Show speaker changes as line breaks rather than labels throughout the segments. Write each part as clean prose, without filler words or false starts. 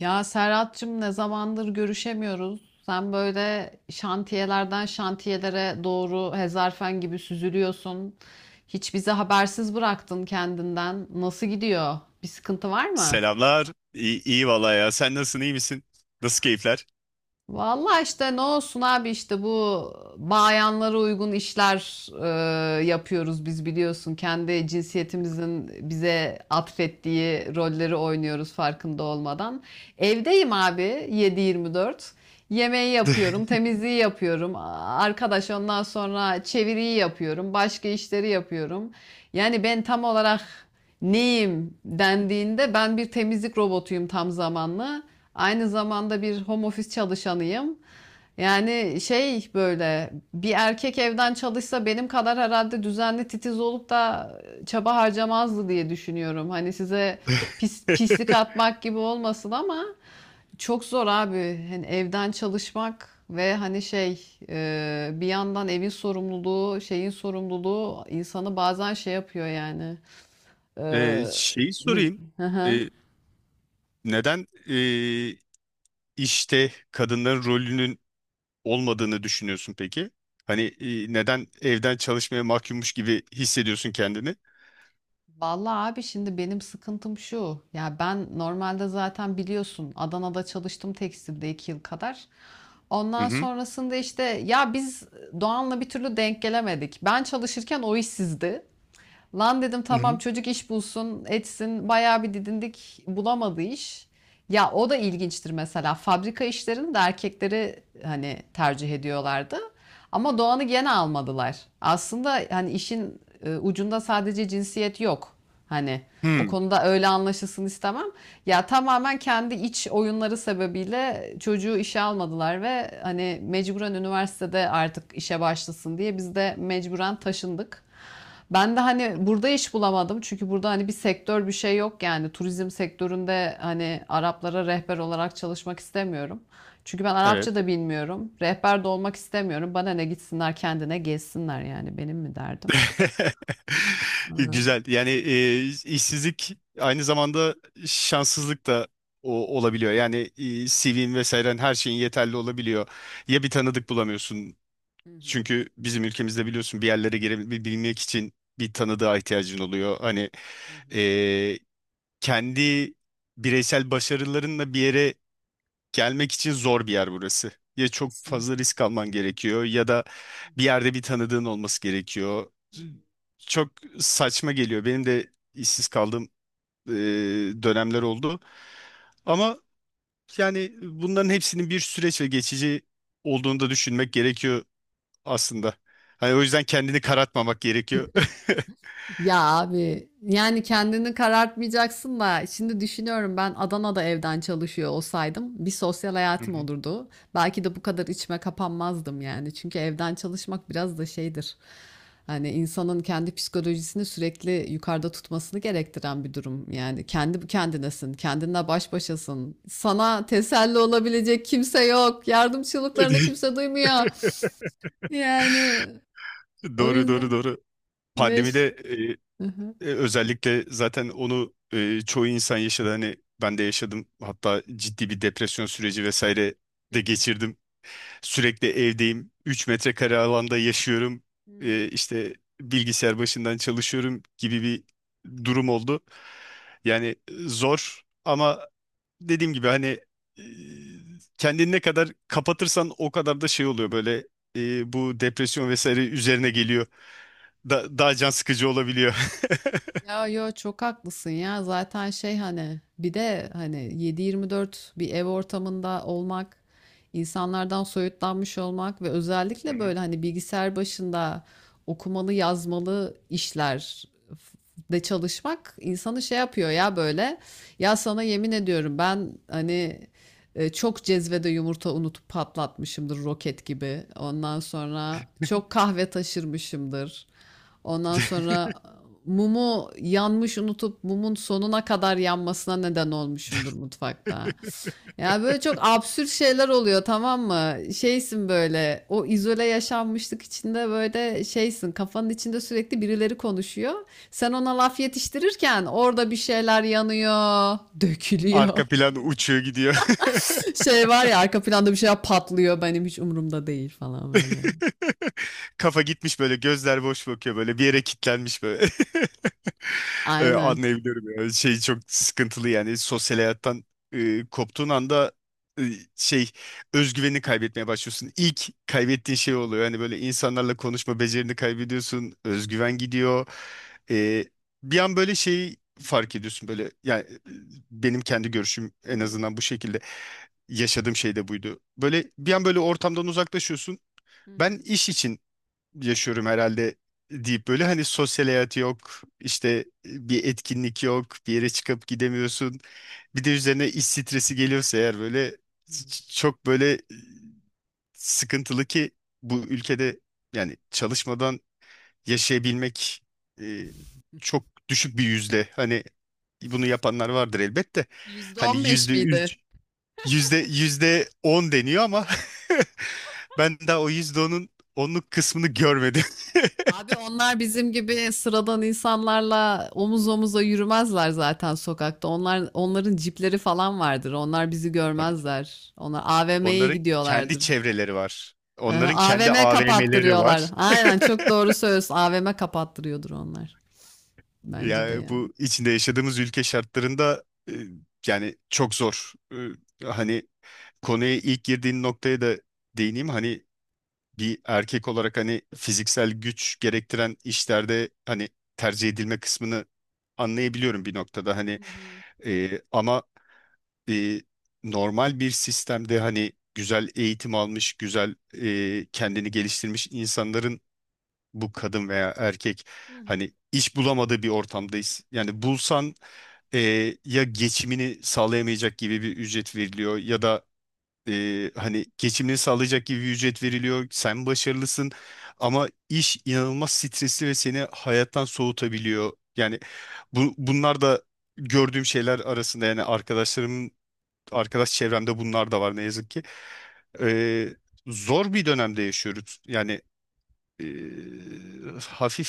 Ya Serhat'cığım ne zamandır görüşemiyoruz. Sen böyle şantiyelerden şantiyelere doğru hezarfen gibi süzülüyorsun. Hiç bizi habersiz bıraktın kendinden. Nasıl gidiyor? Bir sıkıntı var mı?
Selamlar. İyi, valla ya. Sen nasılsın? İyi misin? Nasıl keyifler?
Vallahi işte ne olsun abi işte bu bayanlara uygun işler yapıyoruz biz biliyorsun. Kendi cinsiyetimizin bize atfettiği rolleri oynuyoruz farkında olmadan. Evdeyim abi 7-24. Yemeği yapıyorum, temizliği yapıyorum. Arkadaş ondan sonra çeviriyi yapıyorum, başka işleri yapıyorum. Yani ben tam olarak neyim dendiğinde ben bir temizlik robotuyum tam zamanlı. Aynı zamanda bir home office çalışanıyım. Yani şey böyle bir erkek evden çalışsa benim kadar herhalde düzenli titiz olup da çaba harcamazdı diye düşünüyorum. Hani size pis, pislik atmak gibi olmasın ama çok zor abi. Hani evden çalışmak ve hani şey bir yandan evin sorumluluğu, şeyin sorumluluğu insanı bazen şey yapıyor yani. E,
Şeyi sorayım.
Hı hı.
Ee, Neden işte kadınların rolünün olmadığını düşünüyorsun peki? Hani neden evden çalışmaya mahkummuş gibi hissediyorsun kendini?
Vallahi abi şimdi benim sıkıntım şu. Ya ben normalde zaten biliyorsun Adana'da çalıştım tekstilde 2 yıl kadar.
Hı
Ondan
hı.
sonrasında işte ya biz Doğan'la bir türlü denk gelemedik. Ben çalışırken o işsizdi. Lan dedim
Hı
tamam
hı.
çocuk iş bulsun, etsin. Bayağı bir didindik. Bulamadı iş. Ya o da ilginçtir mesela. Fabrika işlerini de erkekleri hani tercih ediyorlardı. Ama Doğan'ı gene almadılar. Aslında hani işin ucunda sadece cinsiyet yok. Hani o
Hı.
konuda öyle anlaşılsın istemem. Ya tamamen kendi iç oyunları sebebiyle çocuğu işe almadılar ve hani mecburen üniversitede artık işe başlasın diye biz de mecburen taşındık. Ben de hani burada iş bulamadım. Çünkü burada hani bir sektör bir şey yok yani. Turizm sektöründe hani Araplara rehber olarak çalışmak istemiyorum. Çünkü ben
Evet.
Arapça da bilmiyorum. Rehber de olmak istemiyorum. Bana ne gitsinler kendine gezsinler yani benim mi derdim? Aa,
Güzel. Yani işsizlik aynı zamanda şanssızlık da olabiliyor. Yani CV'in vesairen her şeyin yeterli olabiliyor. Ya bir tanıdık bulamıyorsun.
hı hı,
Çünkü bizim ülkemizde biliyorsun bir yerlere girebilmek için bir tanıdığa ihtiyacın oluyor. Hani
hı hı.
e, kendi bireysel başarılarınla bir yere gelmek için zor bir yer burası. Ya çok fazla
Kesinlikle.
risk alman gerekiyor ya da
Hı
bir
hı,
yerde bir tanıdığın olması gerekiyor.
hı hı.
Çok saçma geliyor. Benim de işsiz kaldığım e, dönemler oldu. Ama yani bunların hepsinin bir süreç ve geçici olduğunu da düşünmek gerekiyor aslında. Hani o yüzden kendini karartmamak gerekiyor.
Ya abi yani kendini karartmayacaksın da şimdi düşünüyorum ben Adana'da evden çalışıyor olsaydım bir sosyal
Hı
hayatım
hı.
olurdu. Belki de bu kadar içime kapanmazdım yani. Çünkü evden çalışmak biraz da şeydir. Hani insanın kendi psikolojisini sürekli yukarıda tutmasını gerektiren bir durum. Yani kendi kendinesin, kendinle baş başasın. Sana teselli olabilecek kimse yok. Yardım çığlıklarını kimse duymuyor. Yani o
Doğru doğru
yüzden
doğru.
beş.
Pandemide.
Hı hı.
Özellikle zaten onu çoğu insan yaşadı. Hani ben de yaşadım. Hatta ciddi bir depresyon süreci vesaire
Hı
de
hı.
geçirdim. Sürekli evdeyim. 3 metrekare alanda yaşıyorum.
Hı hı.
İşte bilgisayar başından çalışıyorum gibi bir durum oldu. Yani zor ama dediğim gibi hani e, kendini ne kadar kapatırsan o kadar da şey oluyor böyle bu depresyon vesaire üzerine geliyor. Daha can sıkıcı olabiliyor.
Ya yo çok haklısın ya zaten şey hani bir de hani 7-24 bir ev ortamında olmak insanlardan soyutlanmış olmak ve özellikle böyle hani bilgisayar başında okumalı yazmalı işler de çalışmak insanı şey yapıyor ya böyle ya sana yemin ediyorum ben hani çok cezvede yumurta unutup patlatmışımdır roket gibi ondan sonra çok kahve taşırmışımdır. Ondan sonra mumu yanmış unutup mumun sonuna kadar yanmasına neden olmuşumdur mutfakta. Ya böyle çok absürt şeyler oluyor tamam mı? Şeysin böyle o izole yaşanmışlık içinde böyle şeysin kafanın içinde sürekli birileri konuşuyor. Sen ona laf yetiştirirken orada bir şeyler yanıyor, dökülüyor.
Arka plan uçuyor gidiyor.
Şey var ya arka planda bir şeyler patlıyor benim hiç umurumda değil falan böyle.
Kafa gitmiş, böyle gözler boş bakıyor, böyle bir yere kilitlenmiş böyle.
Aynen.
Anlayabiliyorum ya. Şey çok sıkıntılı, yani sosyal hayattan koptuğun anda e, şey özgüvenini kaybetmeye başlıyorsun. İlk kaybettiğin şey oluyor. Yani böyle insanlarla konuşma becerini kaybediyorsun. Özgüven gidiyor. Ee, Bir an böyle şeyi fark ediyorsun, böyle yani benim kendi görüşüm
Hı
en
hı,
azından bu şekilde. Yaşadığım şey de buydu. Böyle bir an böyle ortamdan uzaklaşıyorsun.
hı
Ben
hı,
iş için yaşıyorum herhalde deyip böyle hani sosyal hayatı yok, işte bir etkinlik yok, bir yere çıkıp gidemiyorsun. Bir de üzerine iş stresi geliyorsa eğer böyle
hı.
çok böyle sıkıntılı, ki bu ülkede yani çalışmadan yaşayabilmek e, çok düşük bir yüzde. Hani bunu yapanlar vardır elbette. Hani
%15
yüzde
miydi?
üç, yüzde on deniyor ama ben daha o yüzde onun onluk kısmını görmedim.
Abi onlar bizim gibi sıradan insanlarla omuz omuza yürümezler zaten sokakta. Onlar onların cipleri falan vardır. Onlar bizi
Tabii ki de.
görmezler. Onlar AVM'ye
Onların kendi
gidiyorlardır.
çevreleri var. Onların
Aha,
kendi
AVM
AVM'leri
kapattırıyorlar.
var.
Aynen çok doğru söylüyorsun. AVM kapattırıyordur onlar. Bence de
Yani
yani.
bu içinde yaşadığımız ülke şartlarında e, yani çok zor. Hani konuya ilk girdiğin noktaya da değineyim. Hani bir erkek olarak hani fiziksel güç gerektiren işlerde hani tercih edilme kısmını anlayabiliyorum bir noktada. Hani
Hı hı.
ama e, normal bir sistemde hani güzel eğitim almış, güzel kendini geliştirmiş insanların bu kadın veya erkek
Hı hı.
hani iş bulamadığı bir ortamdayız. Yani bulsan e, ya geçimini sağlayamayacak gibi bir ücret veriliyor ya da hani geçimini sağlayacak gibi bir ücret veriliyor. Sen başarılısın ama iş inanılmaz stresli ve seni hayattan soğutabiliyor. Yani bunlar da gördüğüm şeyler arasında, yani arkadaş çevremde bunlar da var ne yazık ki. Ee, Zor bir dönemde yaşıyoruz. Yani hafif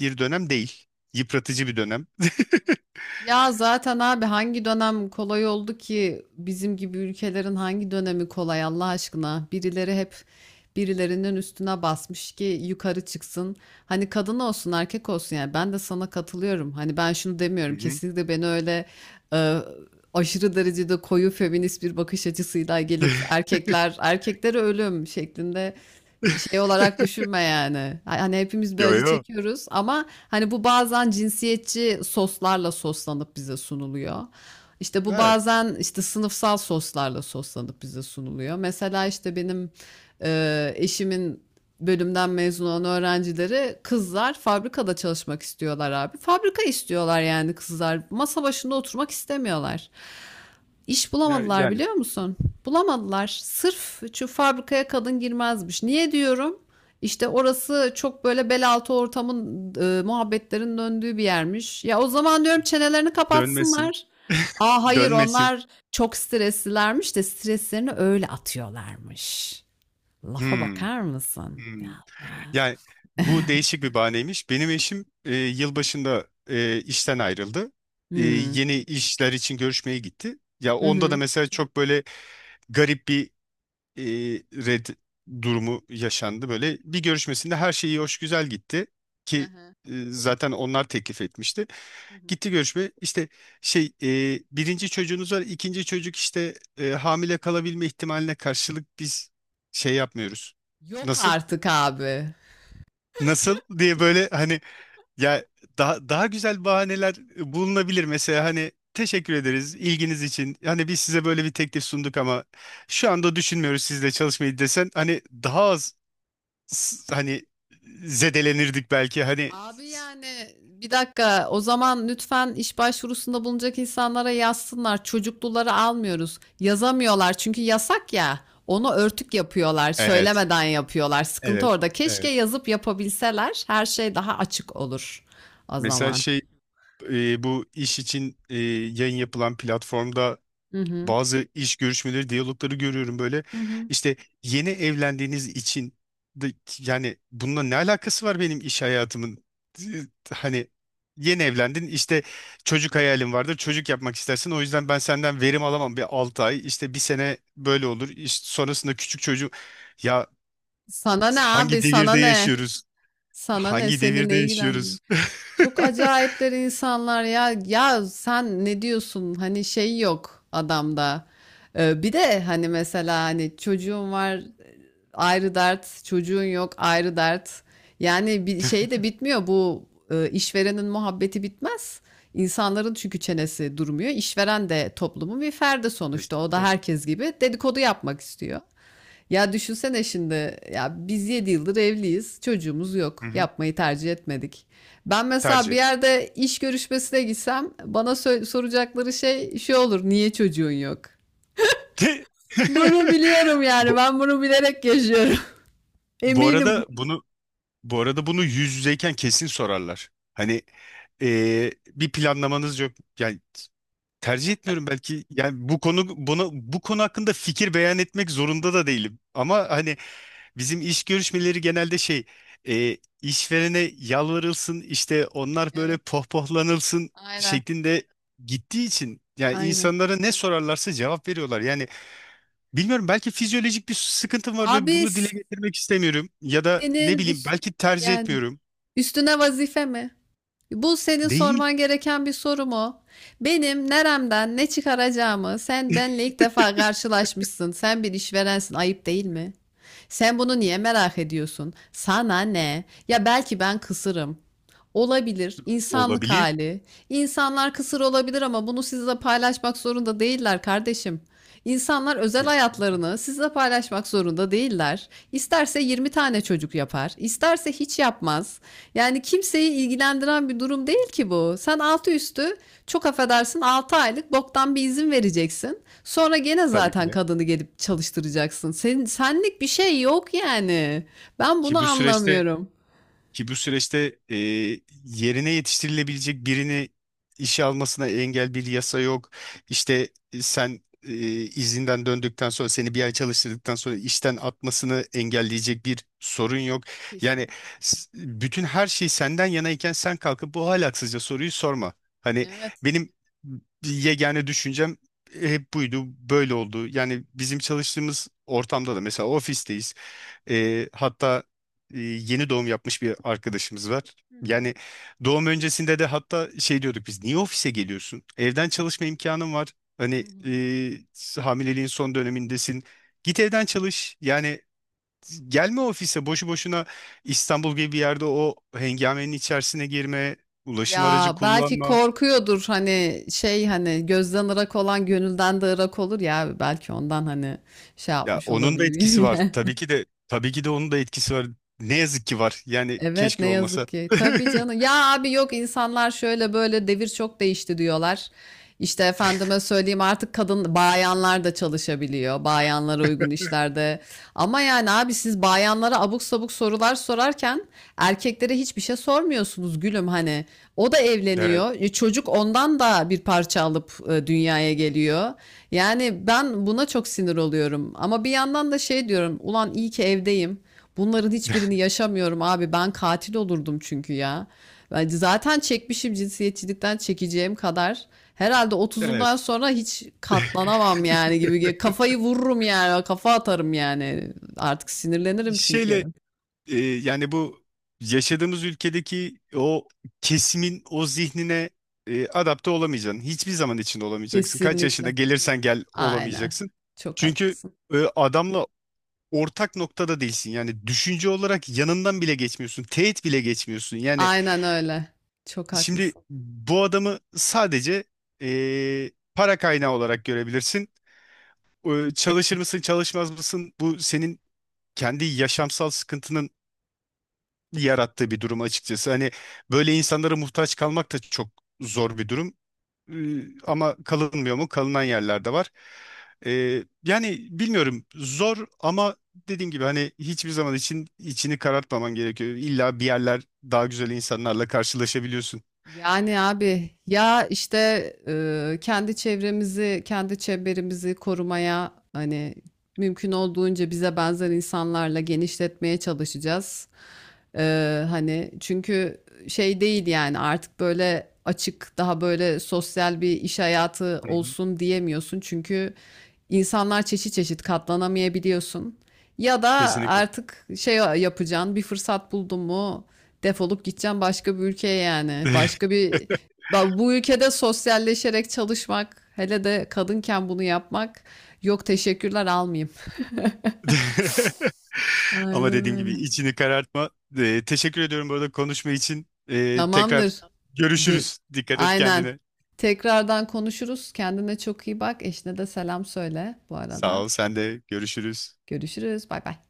bir dönem değil. Yıpratıcı bir dönem.
Ya zaten abi hangi dönem kolay oldu ki bizim gibi ülkelerin hangi dönemi kolay Allah aşkına? Birileri hep birilerinin üstüne basmış ki yukarı çıksın. Hani kadın olsun erkek olsun yani ben de sana katılıyorum. Hani ben şunu
Hı
demiyorum
hı.
kesinlikle beni öyle e, aşırı derecede koyu feminist bir bakış açısıyla gelip erkekler erkeklere ölüm şeklinde şey olarak düşünme yani. Hani hepimiz bir
Yo
acı
yo.
çekiyoruz ama hani bu bazen cinsiyetçi soslarla soslanıp bize sunuluyor. İşte bu
Evet.
bazen işte sınıfsal soslarla soslanıp bize sunuluyor. Mesela işte benim eşimin bölümden mezun olan öğrencileri kızlar fabrikada çalışmak istiyorlar abi. Fabrika istiyorlar yani kızlar. Masa başında oturmak istemiyorlar. İş bulamadılar
Yani
biliyor musun? Bulamadılar. Sırf şu fabrikaya kadın girmezmiş. Niye diyorum? İşte orası çok böyle bel altı ortamın muhabbetlerin döndüğü bir yermiş. Ya o zaman diyorum çenelerini
dönmesi.
kapatsınlar. Aa hayır
Dönmesin.
onlar çok streslilermiş de streslerini öyle atıyorlarmış. Lafa
Hmm,
bakar mısın?
hmm.
Ya ya.
Yani bu değişik bir bahaneymiş. Benim eşim yılbaşında işten ayrıldı.
Hmm.
Yeni işler için görüşmeye gitti. Ya
Hı
onda da
hı.
mesela çok böyle garip bir e, red durumu yaşandı. Böyle bir görüşmesinde her şey iyi hoş güzel gitti
Hı
ki
hı.
zaten onlar teklif etmişti.
Hı hı.
Gitti görüşme. İşte birinci çocuğunuz var, ikinci çocuk işte hamile kalabilme ihtimaline karşılık biz şey yapmıyoruz.
Yok
Nasıl?
artık abi.
Nasıl diye böyle hani ya daha güzel bahaneler bulunabilir. Mesela hani teşekkür ederiz ilginiz için. Hani biz size böyle bir teklif sunduk ama şu anda düşünmüyoruz sizle çalışmayı desen hani daha az hani zedelenirdik belki hani.
Abi yani bir dakika o zaman lütfen iş başvurusunda bulunacak insanlara yazsınlar. Çocukluları almıyoruz. Yazamıyorlar çünkü yasak ya. Onu örtük yapıyorlar,
Evet,
söylemeden yapıyorlar. Sıkıntı
evet,
orada. Keşke
evet.
yazıp yapabilseler her şey daha açık olur o
Mesela
zaman.
bu iş için yayın yapılan platformda
Hı hı.
bazı iş görüşmeleri, diyalogları görüyorum böyle.
Hı hı.
İşte yeni evlendiğiniz için de, yani bununla ne alakası var benim iş hayatımın? E, Hani yeni evlendin, işte çocuk hayalin vardır, çocuk yapmak istersin, o yüzden ben senden verim alamam bir 6 ay, işte bir sene böyle olur, işte sonrasında küçük çocuğu, ya
Sana ne abi?
hangi
Sana
devirde
ne?
yaşıyoruz,
Sana ne?
hangi
Seni
devirde
ne ilgilendiriyor?
yaşıyoruz
Çok acayipler insanlar ya. Ya sen ne diyorsun? Hani şey yok adamda. Bir de hani mesela hani çocuğun var ayrı dert, çocuğun yok ayrı dert. Yani bir şey de bitmiyor bu işverenin muhabbeti bitmez. İnsanların çünkü çenesi durmuyor. İşveren de toplumun bir ferdi sonuçta. O da
Kesinlikle.
herkes gibi dedikodu yapmak istiyor. Ya düşünsene şimdi ya biz 7 yıldır evliyiz. Çocuğumuz
Hı
yok.
hı.
Yapmayı tercih etmedik. Ben mesela bir
Tercih.
yerde iş görüşmesine gitsem bana soracakları şey şu olur. Niye çocuğun yok?
De-
Bunu biliyorum yani.
bu,
Ben bunu bilerek yaşıyorum.
bu
Eminim.
arada bunu bu arada bunu yüz yüzeyken kesin sorarlar. Hani bir planlamanız yok. Yani tercih etmiyorum belki. Yani bu konu hakkında fikir beyan etmek zorunda da değilim. Ama hani bizim iş görüşmeleri genelde işverene yalvarılsın, işte onlar böyle
Evet,
pohpohlanılsın
aynen,
şeklinde gittiği için yani
aynen.
insanlara ne sorarlarsa cevap veriyorlar. Yani bilmiyorum, belki fizyolojik bir sıkıntım var ve
Abi
bunu dile getirmek istemiyorum. Ya da ne
senin
bileyim,
üst-
belki tercih
yani
etmiyorum.
üstüne vazife mi? Bu senin
Değil.
sorman gereken bir soru mu? Benim neremden ne çıkaracağımı sen benle ilk defa karşılaşmışsın. Sen bir işverensin, ayıp değil mi? Sen bunu niye merak ediyorsun? Sana ne? Ya belki ben kısırım. Olabilir, insanlık
Olabilir.
hali. İnsanlar kısır olabilir ama bunu sizle paylaşmak zorunda değiller kardeşim. İnsanlar özel
Kesin.
hayatlarını sizle paylaşmak zorunda değiller. İsterse 20 tane çocuk yapar, isterse hiç yapmaz. Yani kimseyi ilgilendiren bir durum değil ki bu. Sen altı üstü çok affedersin 6 aylık boktan bir izin vereceksin. Sonra gene
Tabii ki
zaten
de.
kadını gelip çalıştıracaksın. Senin senlik bir şey yok yani. Ben bunu
Ki bu süreçte,
anlamıyorum.
ki bu süreçte yerine yetiştirilebilecek birini işe almasına engel bir yasa yok. İşte sen izinden döndükten sonra seni bir ay çalıştırdıktan sonra işten atmasını engelleyecek bir sorun yok. Yani
Kesinlikle.
bütün her şey senden yanayken sen kalkıp bu ahlaksızca soruyu sorma. Hani
Evet.
benim yegane düşüncem hep buydu, böyle oldu. Yani bizim çalıştığımız ortamda da mesela ofisteyiz. Hatta yeni doğum yapmış bir arkadaşımız var.
Hı hı.
Yani doğum öncesinde de hatta şey diyorduk, biz niye ofise geliyorsun? Evden çalışma imkanın var.
Hı
Hani
hı.
hamileliğin son dönemindesin. Git evden çalış. Yani gelme ofise boşu boşuna, İstanbul gibi bir yerde o hengamenin içerisine girme, ulaşım aracı
Ya belki
kullanma.
korkuyordur hani şey hani gözden ırak olan gönülden de ırak olur ya belki ondan hani şey
Ya
yapmış
onun da etkisi
olabilir.
var. Tabii ki de, tabii ki de, onun da etkisi var. Ne yazık ki var. Yani
Evet ne
keşke
yazık
olmasa.
ki. Tabii canım. Ya abi yok insanlar şöyle böyle devir çok değişti diyorlar. İşte efendime söyleyeyim artık kadın bayanlar da çalışabiliyor. Bayanlara uygun işlerde. Ama yani abi siz bayanlara abuk sabuk sorular sorarken erkeklere hiçbir şey sormuyorsunuz gülüm hani. O da
Evet,
evleniyor. Çocuk ondan da bir parça alıp dünyaya geliyor. Yani ben buna çok sinir oluyorum. Ama bir yandan da şey diyorum. Ulan iyi ki evdeyim. Bunların hiçbirini yaşamıyorum abi. Ben katil olurdum çünkü ya. Ben zaten çekmişim cinsiyetçilikten çekeceğim kadar. Herhalde otuzundan
evet.
sonra hiç katlanamam yani gibi. Kafayı vururum yani. Kafa atarım yani. Artık sinirlenirim çünkü.
Şeyle yani bu yaşadığımız ülkedeki o kesimin o zihnine adapte olamayacaksın. Hiçbir zaman içinde olamayacaksın. Kaç yaşına
Kesinlikle.
gelirsen gel
Aynen.
olamayacaksın.
Çok
Çünkü
haklısın.
adamla ortak noktada değilsin. Yani düşünce olarak yanından bile geçmiyorsun. Teğet bile geçmiyorsun. Yani
Aynen öyle. Çok
şimdi
haklısın.
bu adamı sadece para kaynağı olarak görebilirsin. Çalışır mısın, çalışmaz mısın? Bu senin kendi yaşamsal sıkıntının yarattığı bir durum açıkçası. Hani böyle insanlara muhtaç kalmak da çok zor bir durum. Ama kalınmıyor mu? Kalınan yerler de var. Yani bilmiyorum, zor ama dediğim gibi hani hiçbir zaman için içini karartmaman gerekiyor. İlla bir yerler daha güzel insanlarla karşılaşabiliyorsun.
Yani abi ya işte kendi çevremizi, kendi çemberimizi korumaya hani mümkün olduğunca bize benzer insanlarla genişletmeye çalışacağız. Hani çünkü şey değil yani artık böyle açık daha böyle sosyal bir iş hayatı
Hı hı.
olsun diyemiyorsun. Çünkü insanlar çeşit çeşit katlanamayabiliyorsun. Ya da
Kesinlikle.
artık şey yapacaksın bir fırsat buldun mu defolup gideceksin başka bir ülkeye yani. Bu ülkede sosyalleşerek çalışmak hele de kadınken bunu yapmak yok teşekkürler almayayım. Aynen
Ama dediğim gibi
öyle.
içini karartma. Teşekkür ediyorum bu arada konuşma için. Tekrar
Tamamdır. Gö-
görüşürüz. Dikkat et
Aynen.
kendine.
Tekrardan konuşuruz. Kendine çok iyi bak. Eşine de selam söyle bu
Sağ
arada.
ol, sen de görüşürüz.
Görüşürüz. Bay bay.